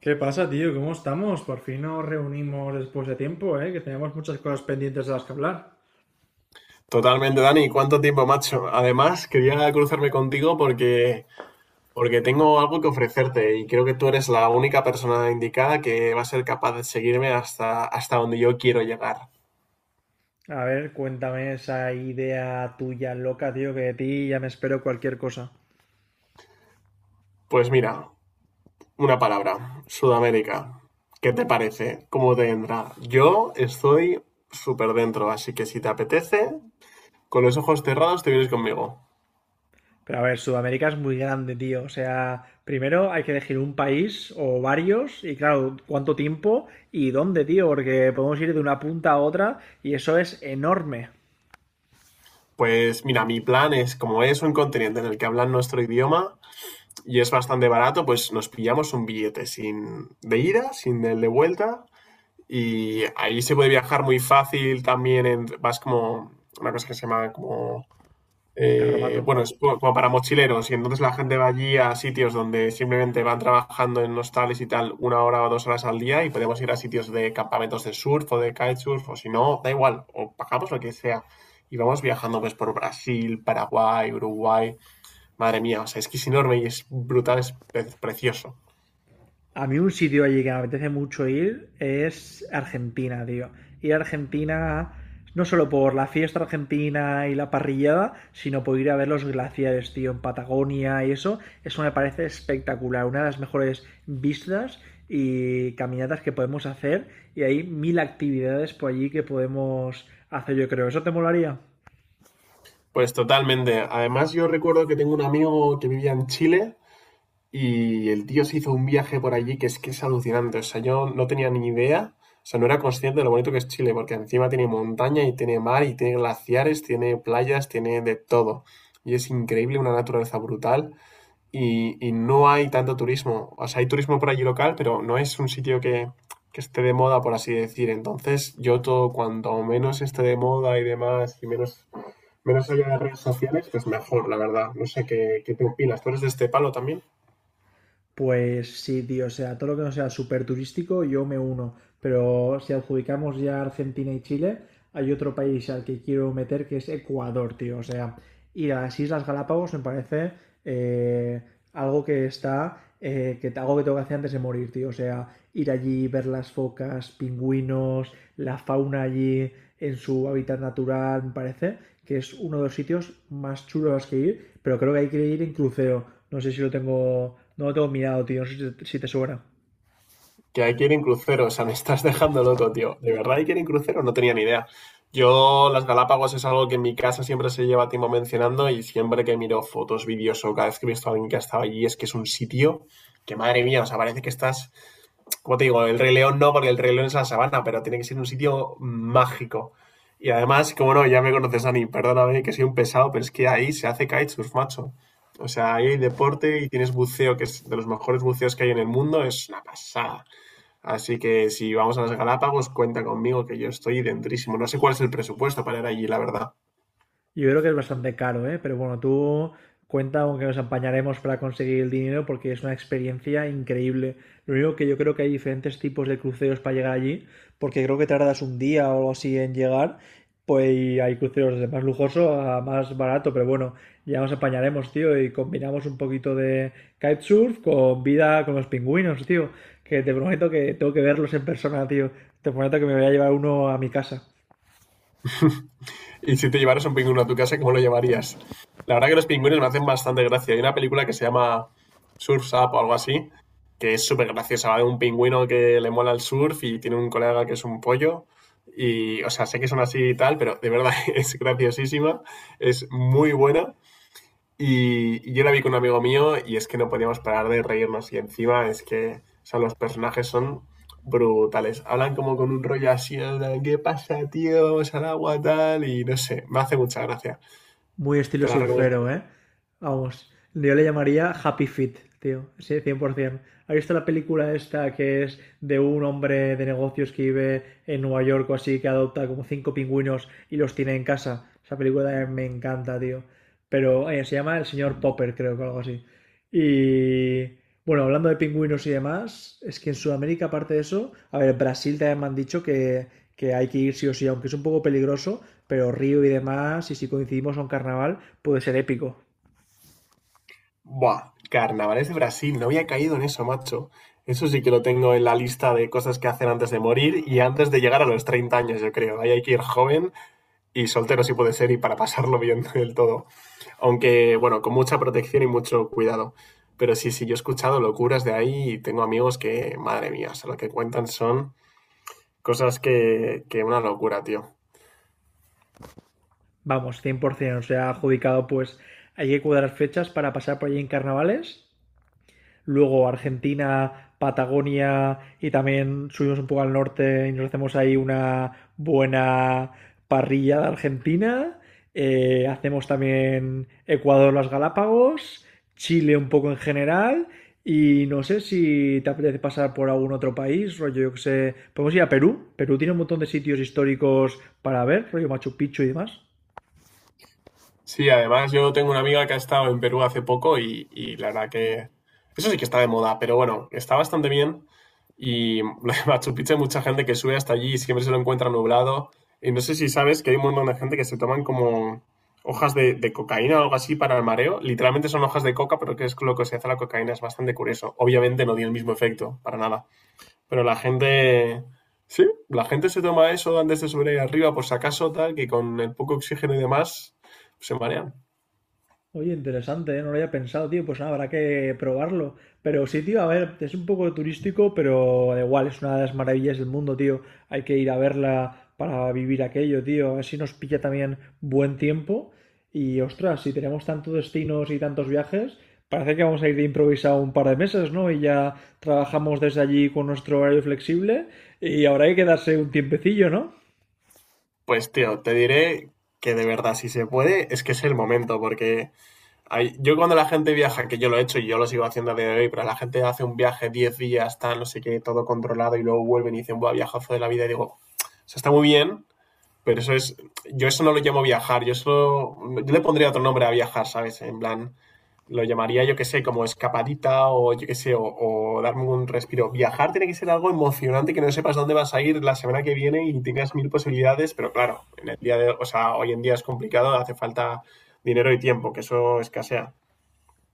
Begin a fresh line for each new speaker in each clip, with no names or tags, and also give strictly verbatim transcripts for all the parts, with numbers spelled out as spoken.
¿Qué pasa, tío? ¿Cómo estamos? Por fin nos reunimos después de tiempo, ¿eh? Que tenemos muchas cosas pendientes de las que hablar.
Totalmente, Dani. ¿Cuánto tiempo, macho? Además, quería cruzarme contigo porque, porque tengo algo que ofrecerte y creo que tú eres la única persona indicada que va a ser capaz de seguirme hasta, hasta donde yo quiero llegar.
A ver, cuéntame esa idea tuya loca, tío, que de ti ya me espero cualquier cosa.
Pues mira, una palabra, Sudamérica. ¿Qué te parece? ¿Cómo te entra? Yo estoy súper dentro, así que si te apetece, con los ojos cerrados te vienes conmigo.
Pero a ver, Sudamérica es muy grande, tío. O sea, primero hay que elegir un país o varios y claro, cuánto tiempo y dónde, tío, porque podemos ir de una punta a otra y eso es enorme.
Pues mira, mi plan es, como es un continente en el que hablan nuestro idioma, y es bastante barato, pues nos pillamos un billete sin de ida, sin el de vuelta. Y ahí se puede viajar muy fácil también. En- vas como una cosa que se llama como. Eh,
Carromato.
bueno, es como como para mochileros. Y entonces la gente va allí a sitios donde simplemente van trabajando en hostales y tal una hora o dos horas al día. Y podemos ir a sitios de campamentos de surf o de kitesurf. O si no, da igual. O pagamos lo que sea. Y vamos viajando pues por Brasil, Paraguay, Uruguay. Madre mía, o sea, es que es enorme y es brutal, es pre- precioso.
A mí un sitio allí que me apetece mucho ir es Argentina, tío. Ir a Argentina no solo por la fiesta argentina y la parrillada, sino por ir a ver los glaciares, tío, en Patagonia y eso. Eso me parece espectacular, una de las mejores vistas y caminatas que podemos hacer y hay mil actividades por allí que podemos hacer, yo creo. ¿Eso te molaría?
Pues totalmente. Además, yo recuerdo que tengo un amigo que vivía en Chile y el tío se hizo un viaje por allí que es que es alucinante. O sea, yo no tenía ni idea, o sea, no era consciente de lo bonito que es Chile, porque encima tiene montaña y tiene mar y tiene glaciares, tiene playas, tiene de todo. Y es increíble, una naturaleza brutal. y, y no hay tanto turismo. O sea, hay turismo por allí local, pero no es un sitio que, que esté de moda, por así decir. Entonces, yo todo, cuanto menos esté de moda y demás, y menos, menos haya de redes sociales, pues mejor, la verdad. No sé qué, qué te opinas. ¿Tú eres de este palo también?
Pues sí, tío, o sea, todo lo que no sea súper turístico, yo me uno. Pero si adjudicamos ya Argentina y Chile, hay otro país al que quiero meter que es Ecuador, tío. O sea, y las Islas Galápagos me parece eh, algo que está, eh, que algo que tengo que hacer antes de morir, tío. O sea, ir allí, ver las focas, pingüinos, la fauna allí en su hábitat natural, me parece que es uno de los sitios más chulos a los que ir, pero creo que hay que ir en crucero. No sé si lo tengo, no lo tengo mirado, tío, no sé si te, si te suena.
Que hay que ir en crucero, o sea, me estás dejando loco, tío. ¿De verdad hay que ir en crucero? No tenía ni idea. Yo, las Galápagos es algo que en mi casa siempre se lleva tiempo mencionando y siempre que miro fotos, vídeos o cada vez que he visto a alguien que ha estado allí, es que es un sitio que, madre mía, o sea, parece que estás como te digo, el Rey León no, porque el Rey León es la sabana, pero tiene que ser un sitio mágico. Y además, como no, ya me conoces, Ani, perdóname que soy un pesado, pero es que ahí se hace kitesurf, macho. O sea, ahí hay deporte y tienes buceo, que es de los mejores buceos que hay en el mundo, es una pasada. Así que si vamos a las Galápagos, cuenta conmigo que yo estoy dentrísimo. No sé cuál es el presupuesto para ir allí, la verdad.
Yo creo que es bastante caro, ¿eh? Pero bueno, tú cuenta aunque nos apañaremos para conseguir el dinero porque es una experiencia increíble. Lo único que yo creo que hay diferentes tipos de cruceros para llegar allí, porque creo que tardas un día o algo así en llegar, pues y hay cruceros de más lujoso a más barato, pero bueno, ya nos apañaremos, tío, y combinamos un poquito de kitesurf con vida con los pingüinos, tío, que te prometo que tengo que verlos en persona, tío. Te prometo que me voy a llevar uno a mi casa.
Y si te llevaras un pingüino a tu casa, ¿cómo lo llamarías? La verdad que los pingüinos me hacen bastante gracia. Hay una película que se llama Surf's Up o algo así, que es súper graciosa. Va de un pingüino que le mola el surf y tiene un colega que es un pollo. Y, o sea, sé que son así y tal, pero de verdad es graciosísima, es muy buena. Y, y yo la vi con un amigo mío y es que no podíamos parar de reírnos. Y encima es que, o sea, los personajes son brutales. Hablan como con un rollo así, en plan, ¿qué pasa, tío? Vamos al agua, tal. Y no sé, me hace mucha gracia.
Muy estilo
Te la recomiendo.
surfero, ¿eh? Vamos, yo le llamaría Happy Feet, tío, sí, cien por ciento. ¿Has visto la película esta que es de un hombre de negocios que vive en Nueva York o así, que adopta como cinco pingüinos y los tiene en casa? Esa película también me encanta, tío. Pero eh, se llama El señor Popper, creo que algo así. Y bueno, hablando de pingüinos y demás, es que en Sudamérica, aparte de eso, a ver, Brasil también me han dicho que, que hay que ir sí o sí, aunque es un poco peligroso, pero Río y demás, y si coincidimos en carnaval, puede ser épico.
Buah, carnavales de Brasil. No había caído en eso, macho. Eso sí que lo tengo en la lista de cosas que hacer antes de morir y antes de llegar a los treinta años, yo creo. Ahí hay que ir joven y soltero si puede ser y para pasarlo bien del todo. Aunque, bueno, con mucha protección y mucho cuidado. Pero sí, sí, yo he escuchado locuras de ahí y tengo amigos que, madre mía, o sea, lo que cuentan son cosas que, que una locura, tío.
Vamos, cien por cien. O sea, adjudicado, pues hay que cuadrar fechas para pasar por allí en carnavales. Luego Argentina, Patagonia y también subimos un poco al norte y nos hacemos ahí una buena parrilla de Argentina. Eh, hacemos también Ecuador, las Galápagos, Chile un poco en general. Y no sé si te apetece pasar por algún otro país, rollo, yo que sé. Podemos ir a Perú. Perú tiene un montón de sitios históricos para ver, rollo Machu Picchu y demás.
Sí, además yo tengo una amiga que ha estado en Perú hace poco y, y la verdad que eso sí que está de moda, pero bueno, está bastante bien. Y lo de Machu Picchu hay mucha gente que sube hasta allí y siempre se lo encuentra nublado. Y no sé si sabes que hay un montón de gente que se toman como hojas de, de cocaína o algo así para el mareo. Literalmente son hojas de coca, pero que es lo que se hace a la cocaína, es bastante curioso. Obviamente no tiene el mismo efecto, para nada. Pero la gente, sí, la gente se toma eso antes de subir ahí arriba por si acaso, tal, que con el poco oxígeno y demás se marean.
Oye, interesante, ¿eh? No lo había pensado, tío. Pues nada, habrá que probarlo. Pero sí, tío, a ver, es un poco turístico, pero da igual, es una de las maravillas del mundo, tío. Hay que ir a verla para vivir aquello, tío. A ver si nos pilla también buen tiempo. Y ostras, si tenemos tantos destinos y tantos viajes, parece que vamos a ir de improvisado un par de meses, ¿no? Y ya trabajamos desde allí con nuestro horario flexible. Y habrá que quedarse un tiempecillo, ¿no?
Pues tío, te diré que de verdad, si se puede, es que es el momento, porque hay- yo, cuando la gente viaja, que yo lo he hecho y yo lo sigo haciendo a día de hoy, pero la gente hace un viaje diez días, tal, no sé qué, todo controlado y luego vuelven y dicen, buah, viajazo de la vida, y digo, se está muy bien. Pero eso es, yo eso no lo llamo viajar, yo eso, yo le pondría otro nombre a viajar, ¿sabes? En plan, lo llamaría, yo qué sé, como escapadita o yo qué sé, o, o darme un respiro. Viajar tiene que ser algo emocionante, que no sepas dónde vas a ir la semana que viene y tengas mil posibilidades, pero claro, en el día de, o sea, hoy en día es complicado, hace falta dinero y tiempo, que eso escasea.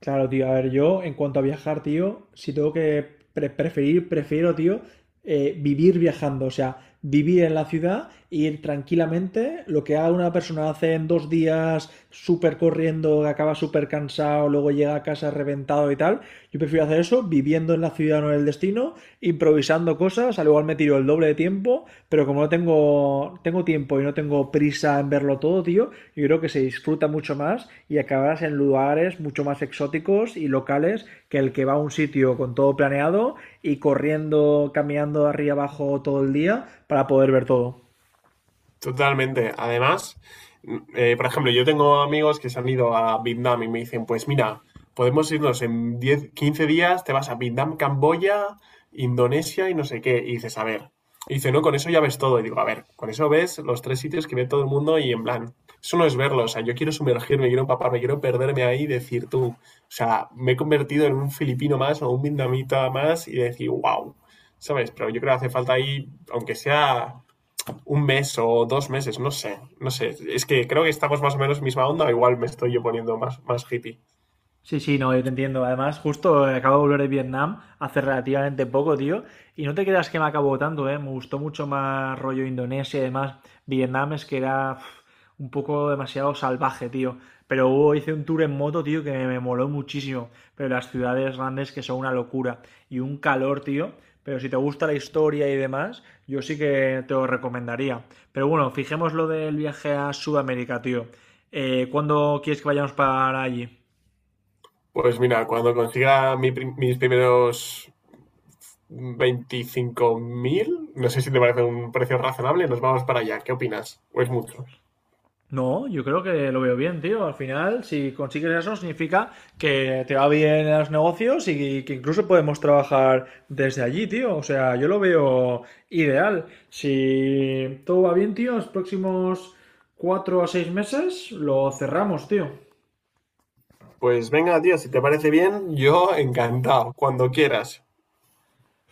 Claro, tío. A ver, yo en cuanto a viajar, tío, si tengo que pre- preferir, prefiero, tío, eh, vivir viajando. O sea, vivir en la ciudad, ir tranquilamente. Lo que haga una persona hace en dos días, súper corriendo, acaba súper cansado, luego llega a casa reventado y tal. Yo prefiero hacer eso, viviendo en la ciudad, no en el destino, improvisando cosas. Al igual me tiro el doble de tiempo pero como no tengo, tengo tiempo y no tengo prisa en verlo todo, tío, yo creo que se disfruta mucho más y acabarás en lugares mucho más exóticos y locales que el que va a un sitio con todo planeado y corriendo, caminando arriba y abajo todo el día para poder ver todo.
Totalmente. Además, mm, eh, por ejemplo, yo tengo amigos que se han ido a Vietnam y me dicen, pues mira, podemos irnos en diez quince días, te vas a Vietnam, Camboya, Indonesia y no sé qué. Y dices, a ver. Y dice, no, con eso ya ves todo. Y digo, a ver, con eso ves los tres sitios que ve todo el mundo y en plan, eso no es verlo. O sea, yo quiero sumergirme, quiero empaparme, quiero perderme ahí y decir tú, o sea, me he convertido en un filipino más o un vietnamita más y decir, wow, ¿sabes? Pero yo creo que hace falta ahí, aunque sea un mes o dos meses, no sé, no sé. Es que creo que estamos más o menos misma onda, o igual me estoy yo poniendo más, más hippie.
Sí, sí, no, yo te entiendo. Además, justo eh, acabo de volver de Vietnam hace relativamente poco, tío. Y no te creas que me acabó tanto, ¿eh? Me gustó mucho más rollo Indonesia y demás. Vietnam es que era uf, un poco demasiado salvaje, tío. Pero hubo, hice un tour en moto, tío, que me moló muchísimo. Pero las ciudades grandes que son una locura. Y un calor, tío. Pero si te gusta la historia y demás, yo sí que te lo recomendaría. Pero bueno, fijemos lo del viaje a Sudamérica, tío. Eh, ¿cuándo quieres que vayamos para allí?
Pues mira, cuando consiga mi mis primeros veinticinco mil, no sé si te parece un precio razonable, nos vamos para allá. ¿Qué opinas? ¿O es mucho?
No, yo creo que lo veo bien, tío. Al final, si consigues eso, significa que te va bien en los negocios y que incluso podemos trabajar desde allí, tío. O sea, yo lo veo ideal. Si todo va bien, tío, los próximos cuatro a seis meses lo cerramos, tío.
Pues venga, tío, si te parece bien, yo encantado, cuando quieras.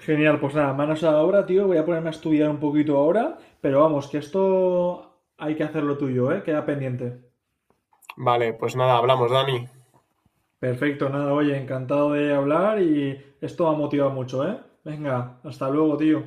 Genial, pues nada, manos a la obra, tío. Voy a ponerme a estudiar un poquito ahora, pero vamos, que esto hay que hacerlo tuyo, ¿eh? Queda pendiente.
Vale, pues nada, hablamos, Dani.
Perfecto, nada, oye, encantado de hablar y esto ha motivado mucho, ¿eh? Venga, hasta luego, tío.